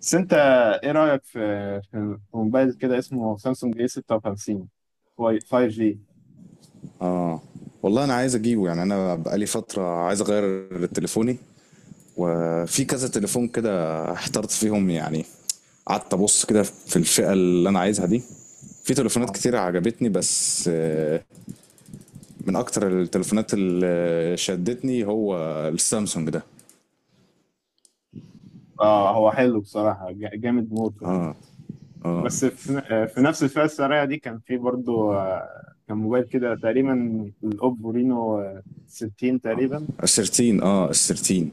بس انت، ايه رأيك في موبايل كده اسمه سامسونج اي 56 5G؟ اه، والله انا عايز اجيبه يعني. انا بقالي فتره عايز اغير تليفوني وفي كذا تليفون كده احترت فيهم يعني. قعدت ابص كده في الفئه اللي انا عايزها دي، في تليفونات كتير عجبتني بس من اكتر التليفونات اللي شدتني هو السامسونج ده اه، هو حلو بصراحة، جامد موت يعني. بس في نفس الفئة السعرية دي كان في برضو، كان موبايل كده تقريبا الاوبو رينو، 60 تقريبا. ال 13. اه ال 13.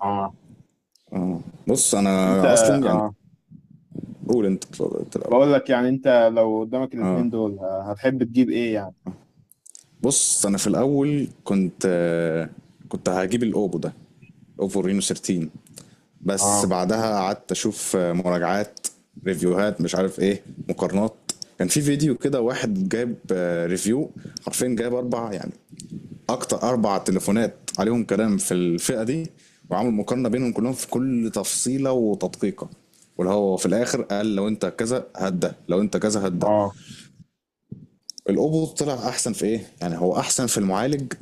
اه. بص انت. انا اصلا يعني، اه، قول انت الاول. بقول لك يعني، انت لو قدامك اه، الاتنين دول، هتحب تجيب ايه يعني؟ بص انا في الاول كنت هجيب الاوبو ده، اوبو رينو 13، بس اه. بعدها قعدت اشوف مراجعات، ريفيوهات مش عارف ايه، مقارنات. كان في فيديو كده واحد جايب ريفيو، حرفيا جايب اربع يعني اكتر اربع تليفونات عليهم كلام في الفئة دي، وعامل مقارنة بينهم كلهم في كل تفصيلة وتدقيقة، واللي هو في الاخر قال لو انت كذا هات ده، لو انت كذا هات ده. اه الاوبو طلع احسن في ايه؟ يعني هو احسن في المعالج،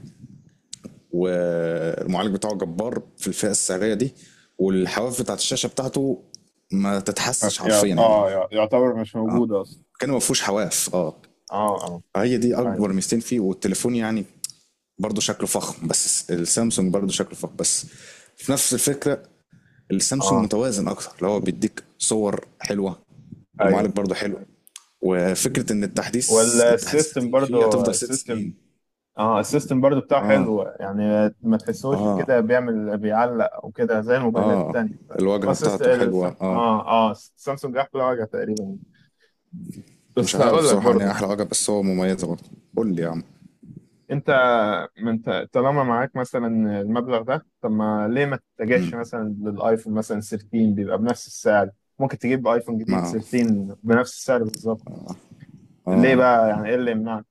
والمعالج بتاعه جبار في الفئة السعرية دي، والحواف بتاعت الشاشة بتاعته ما تتحسش حرفيا يعني. يعتبر مش اه، موجود اصلا. كان ما فيهوش حواف، اه. اه، اه، هي دي ايوه، اكبر ميزتين فيه، والتليفون يعني برضه شكله فخم، بس السامسونج برضه شكله فخم بس في نفس الفكرة. السامسونج اه، متوازن اكتر، اللي هو بيديك صور حلوة، ايوه. المعالج برضه حلو، وفكرة ان التحديث، التحديثات والسيستم اللي فيه برضو هتفضل ست السيستم. سنين اه، السيستم برضو بتاعه اه، حلو يعني، ما تحسوش اه، كده بيعلق او كده زي الموبايلات اه، التانية ف... هو الواجهة السيستم بتاعته حلوة، السام... اه. اه اه سامسونج احلى واجهة تقريبا. مش بس عارف هقول لك صراحة أنهي برضو. أحلى حاجة، بس هو مميزة برضه. قول لي يا عم. انت. ما انت طالما معاك مثلا المبلغ ده، طب ما ليه ما تتجهش مثلا للايفون مثلا 13؟ بيبقى بنفس السعر. ممكن تجيب ايفون جديد ما 13 بنفس السعر بالظبط. ليه بقى؟ يعني ايه اللي يمنعك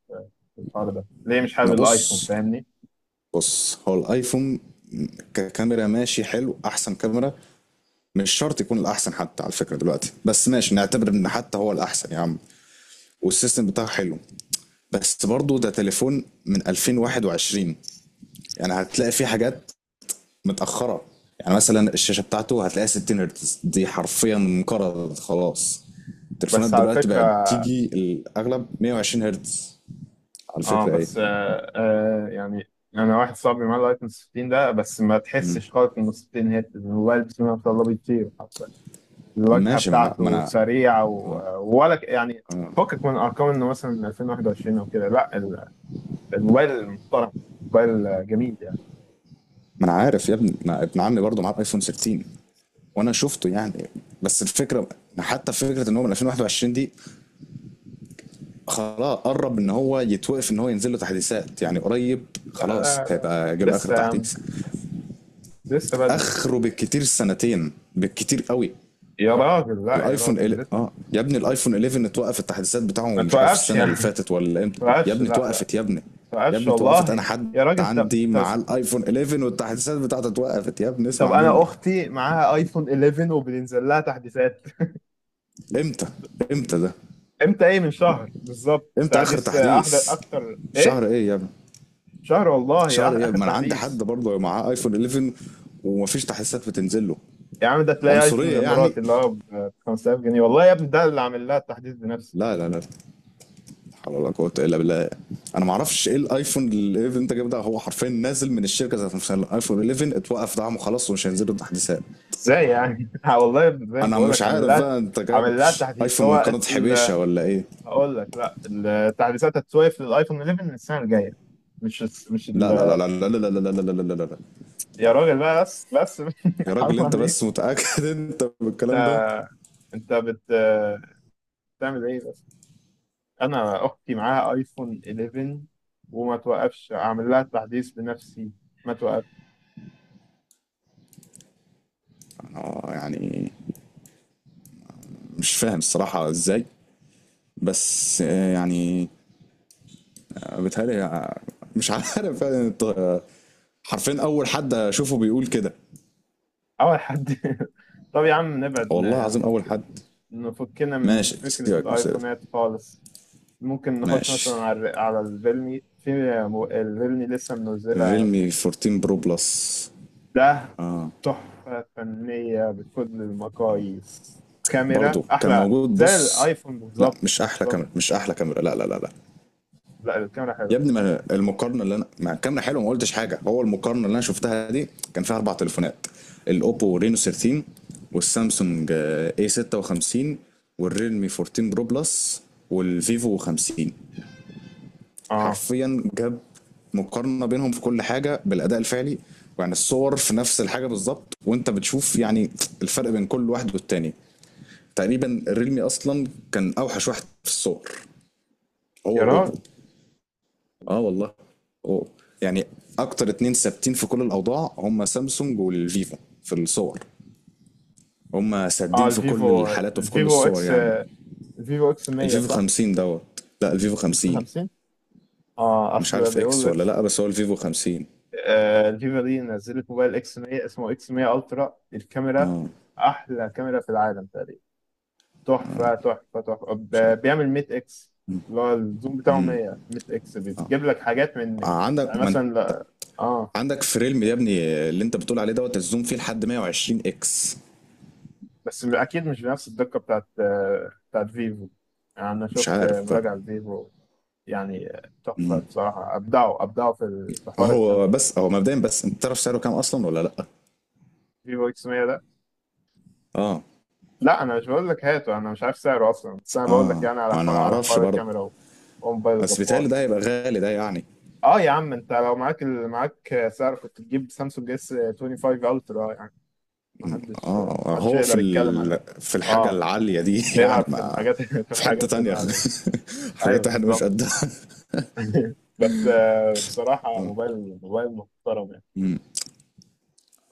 في الحوار ده؟ ليه مش حابب أنا الايفون؟ بص، فاهمني. بص هو الأيفون ككاميرا ماشي حلو، أحسن كاميرا، مش شرط يكون الأحسن حتى على فكرة دلوقتي، بس ماشي نعتبر إن حتى هو الأحسن يا عم، والسيستم بتاعه حلو، بس برضه ده تليفون من 2021. يعني هتلاقي فيه حاجات متأخرة. يعني مثلا الشاشة بتاعته هتلاقيها 60 هرتز، دي حرفيا انقرضت خلاص. التليفونات بس على دلوقتي بقت فكرة. تيجي الأغلب 120 هرتز. على اه، فكرة ايه؟ بس يعني انا واحد صاحبي معاه الايفون 16 ده، بس ما تحسش خالص انه 16 هيرتز. الموبايل بسم الله ما شاء الله بيطير حرفيا. الواجهه ماشي، ما انا ما بتاعته انا سريعه و... ولا يعني فكك من ارقام انه مثلا 2021 او كده. لا، الموبايل محترم، موبايل جميل يعني. ما انا عارف يا ابني. ما ابن عمي برضه معاه ايفون 13 وانا شفته يعني. بس الفكرة، حتى فكرة ان هو من 2021 دي، خلاص قرب ان هو يتوقف ان هو ينزل له تحديثات يعني، قريب لا خلاص لا لا، هيبقى جه له اخر لسه يا عم، تحديث. لسه بدري. اخره بالكتير سنتين، بالكتير قوي. يا راجل لا، يا راجل لسه. اه يا ابني، الايفون 11 اتوقف التحديثات بتاعه ما مش عارف توقفش السنه اللي يعني. ما فاتت ولا امتى يا توقفش، لا ابني، لا، اتوقفت يا ابني. ما يا توقفش ابني اتوقفت، والله. انا حد يا راجل طب، عندي طب مع الايفون 11 والتحديثات بتاعته اتوقفت يا ابني، طب، اسمع انا مني. اختي معاها ايفون 11 وبينزل لها تحديثات. امتى؟ امتى ده؟ امتى ايه؟ من شهر بالظبط امتى اخر تحديث، احدث، تحديث؟ اكتر ايه؟ شهر ايه يا ابني؟ شهر والله، شهر ايه، اخر ما انا عندي حد تحديث. برضه معاه ايفون 11 ومفيش تحديثات بتنزل له. يا عم، ده تلاقي ايفون من عنصريه يعني؟ الامارات اللي هو ب 5000 جنيه، والله يا ابني، ده اللي عامل لها التحديث بنفسه. لا لا لا، حول ولا قوة إلا بالله. أنا معرفش إيه الأيفون ال 11 اللي أنت جايبه ده، هو حرفيا نازل من الشركة ذات نفسها، الأيفون 11 اتوقف دعمه خلاص ومش هينزلوا التحديثات. ازاي يعني؟ والله يا ابني زي ما أنا بقول مش لك، عارف بقى أنت جايب عامل لها تحديث أيفون من هو قناة حبيشة ولا إيه؟ هقول لك لا، التحديثات هتسويف للايفون 11 السنه الجايه. مش الس- مش ال... لا لا لا لا لا لا لا لا لا لا لا لا لا لا. يا يعني راجل بقى، بس بس، يا حرام راجل أنت بس عليك. متأكد أنت بالكلام ده؟ انت. انت بت بتعمل ايه بس؟ انا اختي معاها ايفون 11 وما توقفش، اعمل لها تحديث بنفسي، ما توقف. أنا يعني مش فاهم الصراحة إزاي، بس بيتهيألي مش عارف يعني حرفيا أول حد أشوفه بيقول كده. اول حد؟ طب يا عم نبعد، والله العظيم أول حد. نفكنا من ماشي فكرة سيبك من السيرة دي. الايفونات خالص. ممكن نخش مثلا ماشي. على على الريلمي، في الريلمي لسه منزلة. الريلمي 14 برو بلس، ده تحفة فنية بكل المقاييس، كاميرا برضه كان احلى موجود، زي بص. الايفون لا بالظبط مش احلى كاميرا، بالظبط. مش احلى كاميرا، لا لا لا لا. لا، الكاميرا يا حلوة. ابني ما أنا المقارنه اللي انا، مع الكاميرا حلوه ما قلتش حاجه، هو المقارنه اللي انا شفتها دي كان فيها اربع تليفونات: الاوبو رينو 13، والسامسونج اي 56، والريلمي 14 برو بلس، والفيفو 50. اه، حرفيا جاب مقارنة بينهم في كل حاجة بالأداء الفعلي، يعني الصور في نفس الحاجة بالظبط وانت بتشوف يعني الفرق بين كل واحد والتاني. تقريبا الريلمي أصلا كان أوحش واحد في الصور، هو يا وأوبو. راجل. اه والله، أوبو. يعني أكتر اتنين ثابتين في كل الأوضاع هم سامسونج والفيفو، في الصور هم اه، سادين في كل الحالات وفي كل الصور يعني. الفيفو اكس 100 الفيفو صح؟ 50 دوت، لا اكس الفيفو 50، 50. اه، مش اصل عارف اكس بيقول ولا اكس. لا، بس هو الفيفو 50. آه، الفيفو دي نزلت موبايل اكس 100 اسمه اكس 100 الترا، الكاميرا احلى كاميرا في العالم تقريبا. تحفه تحفه تحفه، مش عارف. بيعمل 100 اكس. اللي هو الزوم بتاعه 100، 100 اكس، بتجيب لك حاجات من عندك، يعني ما انت مثلا اه، عندك فريلم يا ابني، اللي انت بتقول عليه دوت، الزوم فيه لحد 120 اكس. بس اكيد مش بنفس الدقه بتاعت فيفو. يعني انا مش شفت عارف بقى. مراجعه لفيفو، يعني تحفة بصراحة، أبدعوا أبدعوا في في حوار هو الكاميرا. بس هو مبدئيا، بس انت تعرف سعره كام اصلا ولا لا؟ فيفو إكس 100 ده؟ اه لا، أنا مش بقول لك هاته، أنا مش عارف سعره أصلا، بس أنا بقول لك اه، يعني على انا حوار، ما اعرفش برضه، الكاميرا. وموبايل بس بيتهيألي جبار. ده هيبقى غالي ده يعني. أه يا عم، أنت لو معاك معاك سعر، كنت تجيب سامسونج اس 25 الترا يعني. محدش اه محدش هو في يقدر يتكلم على. في الحاجه أه، العاليه دي يعني بيلعب في ما. الحاجات في في حته الحاجات تانية العالية. أيوه حاجات احنا مش بالظبط. قدها. بس بصراحة، موبايل موبايل محترم يعني.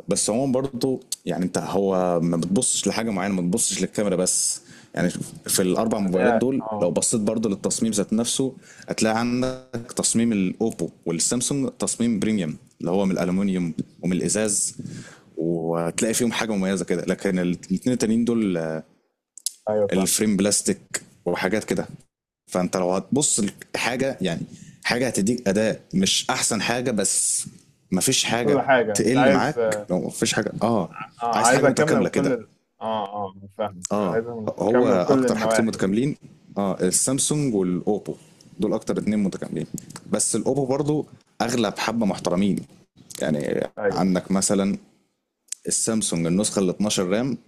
بس هو برضه يعني انت، هو ما بتبصش لحاجه معينه، ما بتبصش للكاميرا بس يعني. في الاربع موبايلات أداء. دول، أه، لو بصيت برضه للتصميم ذات نفسه، هتلاقي عندك تصميم الاوبو والسامسونج تصميم بريميوم اللي هو من الالومنيوم ومن الازاز، وهتلاقي فيهم حاجه مميزه كده، لكن الاثنين التانيين دول أيوه فاهم، الفريم بلاستيك وحاجات كده. فانت لو هتبص لحاجه يعني، حاجه هتديك اداء مش احسن حاجه بس، مفيش حاجه كل حاجة أنت تقل عايز. معاك لو مفيش حاجه، اه. اه، عايز حاجه عايزة كاملة من متكامله كل كده. اه اه فاهمك، اه، عايزة هو كاملة من كل اكتر حاجتين النواحي. متكاملين اه السامسونج والاوبو، دول اكتر اتنين متكاملين. بس الاوبو برضو اغلى بحبه محترمين. يعني ايوه. عندك مثلا السامسونج النسخه ال 12 رام،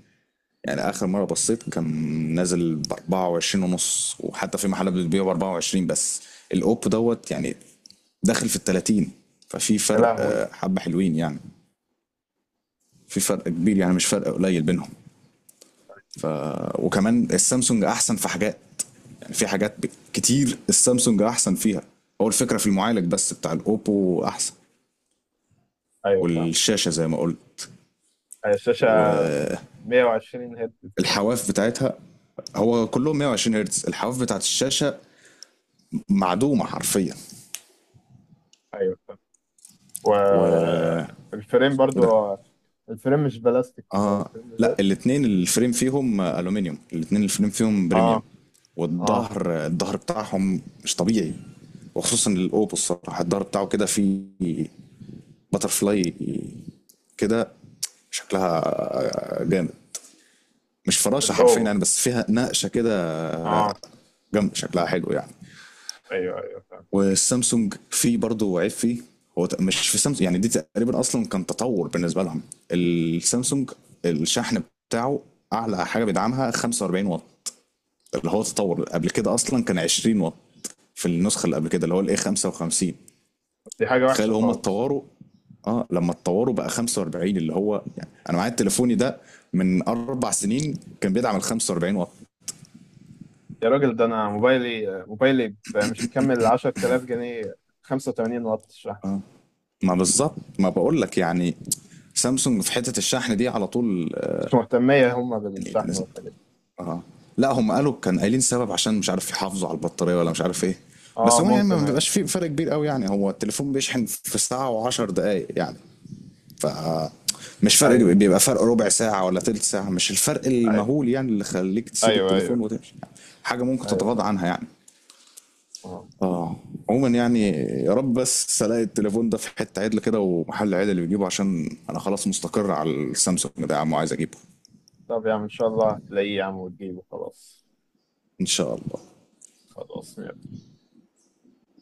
يعني اخر مره بصيت كان نازل ب 24 ونص، وحتى في محلات بتبيعه ب 24 بس. الاوب دوت يعني داخل في ال 30. ففي يا فرق لهوي. حبه حلوين يعني، في فرق كبير يعني مش فرق قليل بينهم. وكمان السامسونج احسن في حاجات، يعني في حاجات كتير السامسونج احسن فيها. هو الفكره في المعالج بس بتاع الاوبو احسن، ايوه فاهمك. والشاشه زي ما قلت هي الشاشة 120 هرتز تقريبا. والحواف بتاعتها، هو كلهم 120 هرتز، الحواف بتاعت الشاشه معدومه حرفيا. ايوه فاهم. و والفريم برضو، وده، الفريم مش بلاستيك، هو اه. الفريم لا ذات. الاثنين الفريم فيهم الومنيوم، الاثنين الفريم فيهم اه. بريميوم. اه، والظهر، الظهر بتاعهم مش طبيعي، وخصوصا الاوبو الصراحه الظهر بتاعه كده فيه باترفلاي كده، شكلها جامد، مش فراشه حرفيا الاوفر. يعني، بس فيها نقشه كده اه، جامده، شكلها حلو يعني. ايوه ايوه فاهم. والسامسونج في برضه عيب فيه، مش في سامسونج يعني، دي تقريبا اصلا كان تطور بالنسبه لهم. السامسونج الشحن بتاعه اعلى حاجه بيدعمها 45 واط، اللي هو تطور، قبل كده اصلا كان 20 واط في النسخه اللي قبل كده اللي هو الاي 55. دي حاجة تخيل وحشة هم خالص. اتطوروا، اه لما اتطوروا بقى 45، اللي هو يعني انا معايا تليفوني ده من 4 سنين كان بيدعم ال 45 واط. يا راجل، ده انا موبايلي، مش مكمل 10,000 جنيه، 85 واط شحن. اه، ما بالظبط، ما بقول لك يعني سامسونج في حته الشحن دي على طول مش مهتمية هما يعني. بالشحن والحاجات دي. اه، لا هم قالوا، كان قايلين سبب عشان مش عارف يحافظوا على البطارية ولا مش عارف ايه. بس اه، هو يعني ما ممكن. ايوه بيبقاش في فرق كبير قوي يعني، هو التليفون بيشحن في ساعة و10 دقايق يعني، ف مش فرق، ايوه بيبقى فرق ربع ساعة ولا تلت ساعة، مش الفرق ايوه، المهول يعني اللي خليك تسيب ايوه التليفون ايوه وتمشي يعني، حاجة ممكن ايوه تتغاضى فاهم. عنها يعني. اه. اه، عموما يعني يا رب بس الاقي التليفون ده في حتة عدل كده ومحل عدل اللي بيجيبه، عشان انا خلاص مستقر على السامسونج ده يا عم، وعايز اجيبه. طب يا عم، ان شاء الله هتلاقيه يا عم وتجيبه. خلاص. ان شاء الله. خلاص.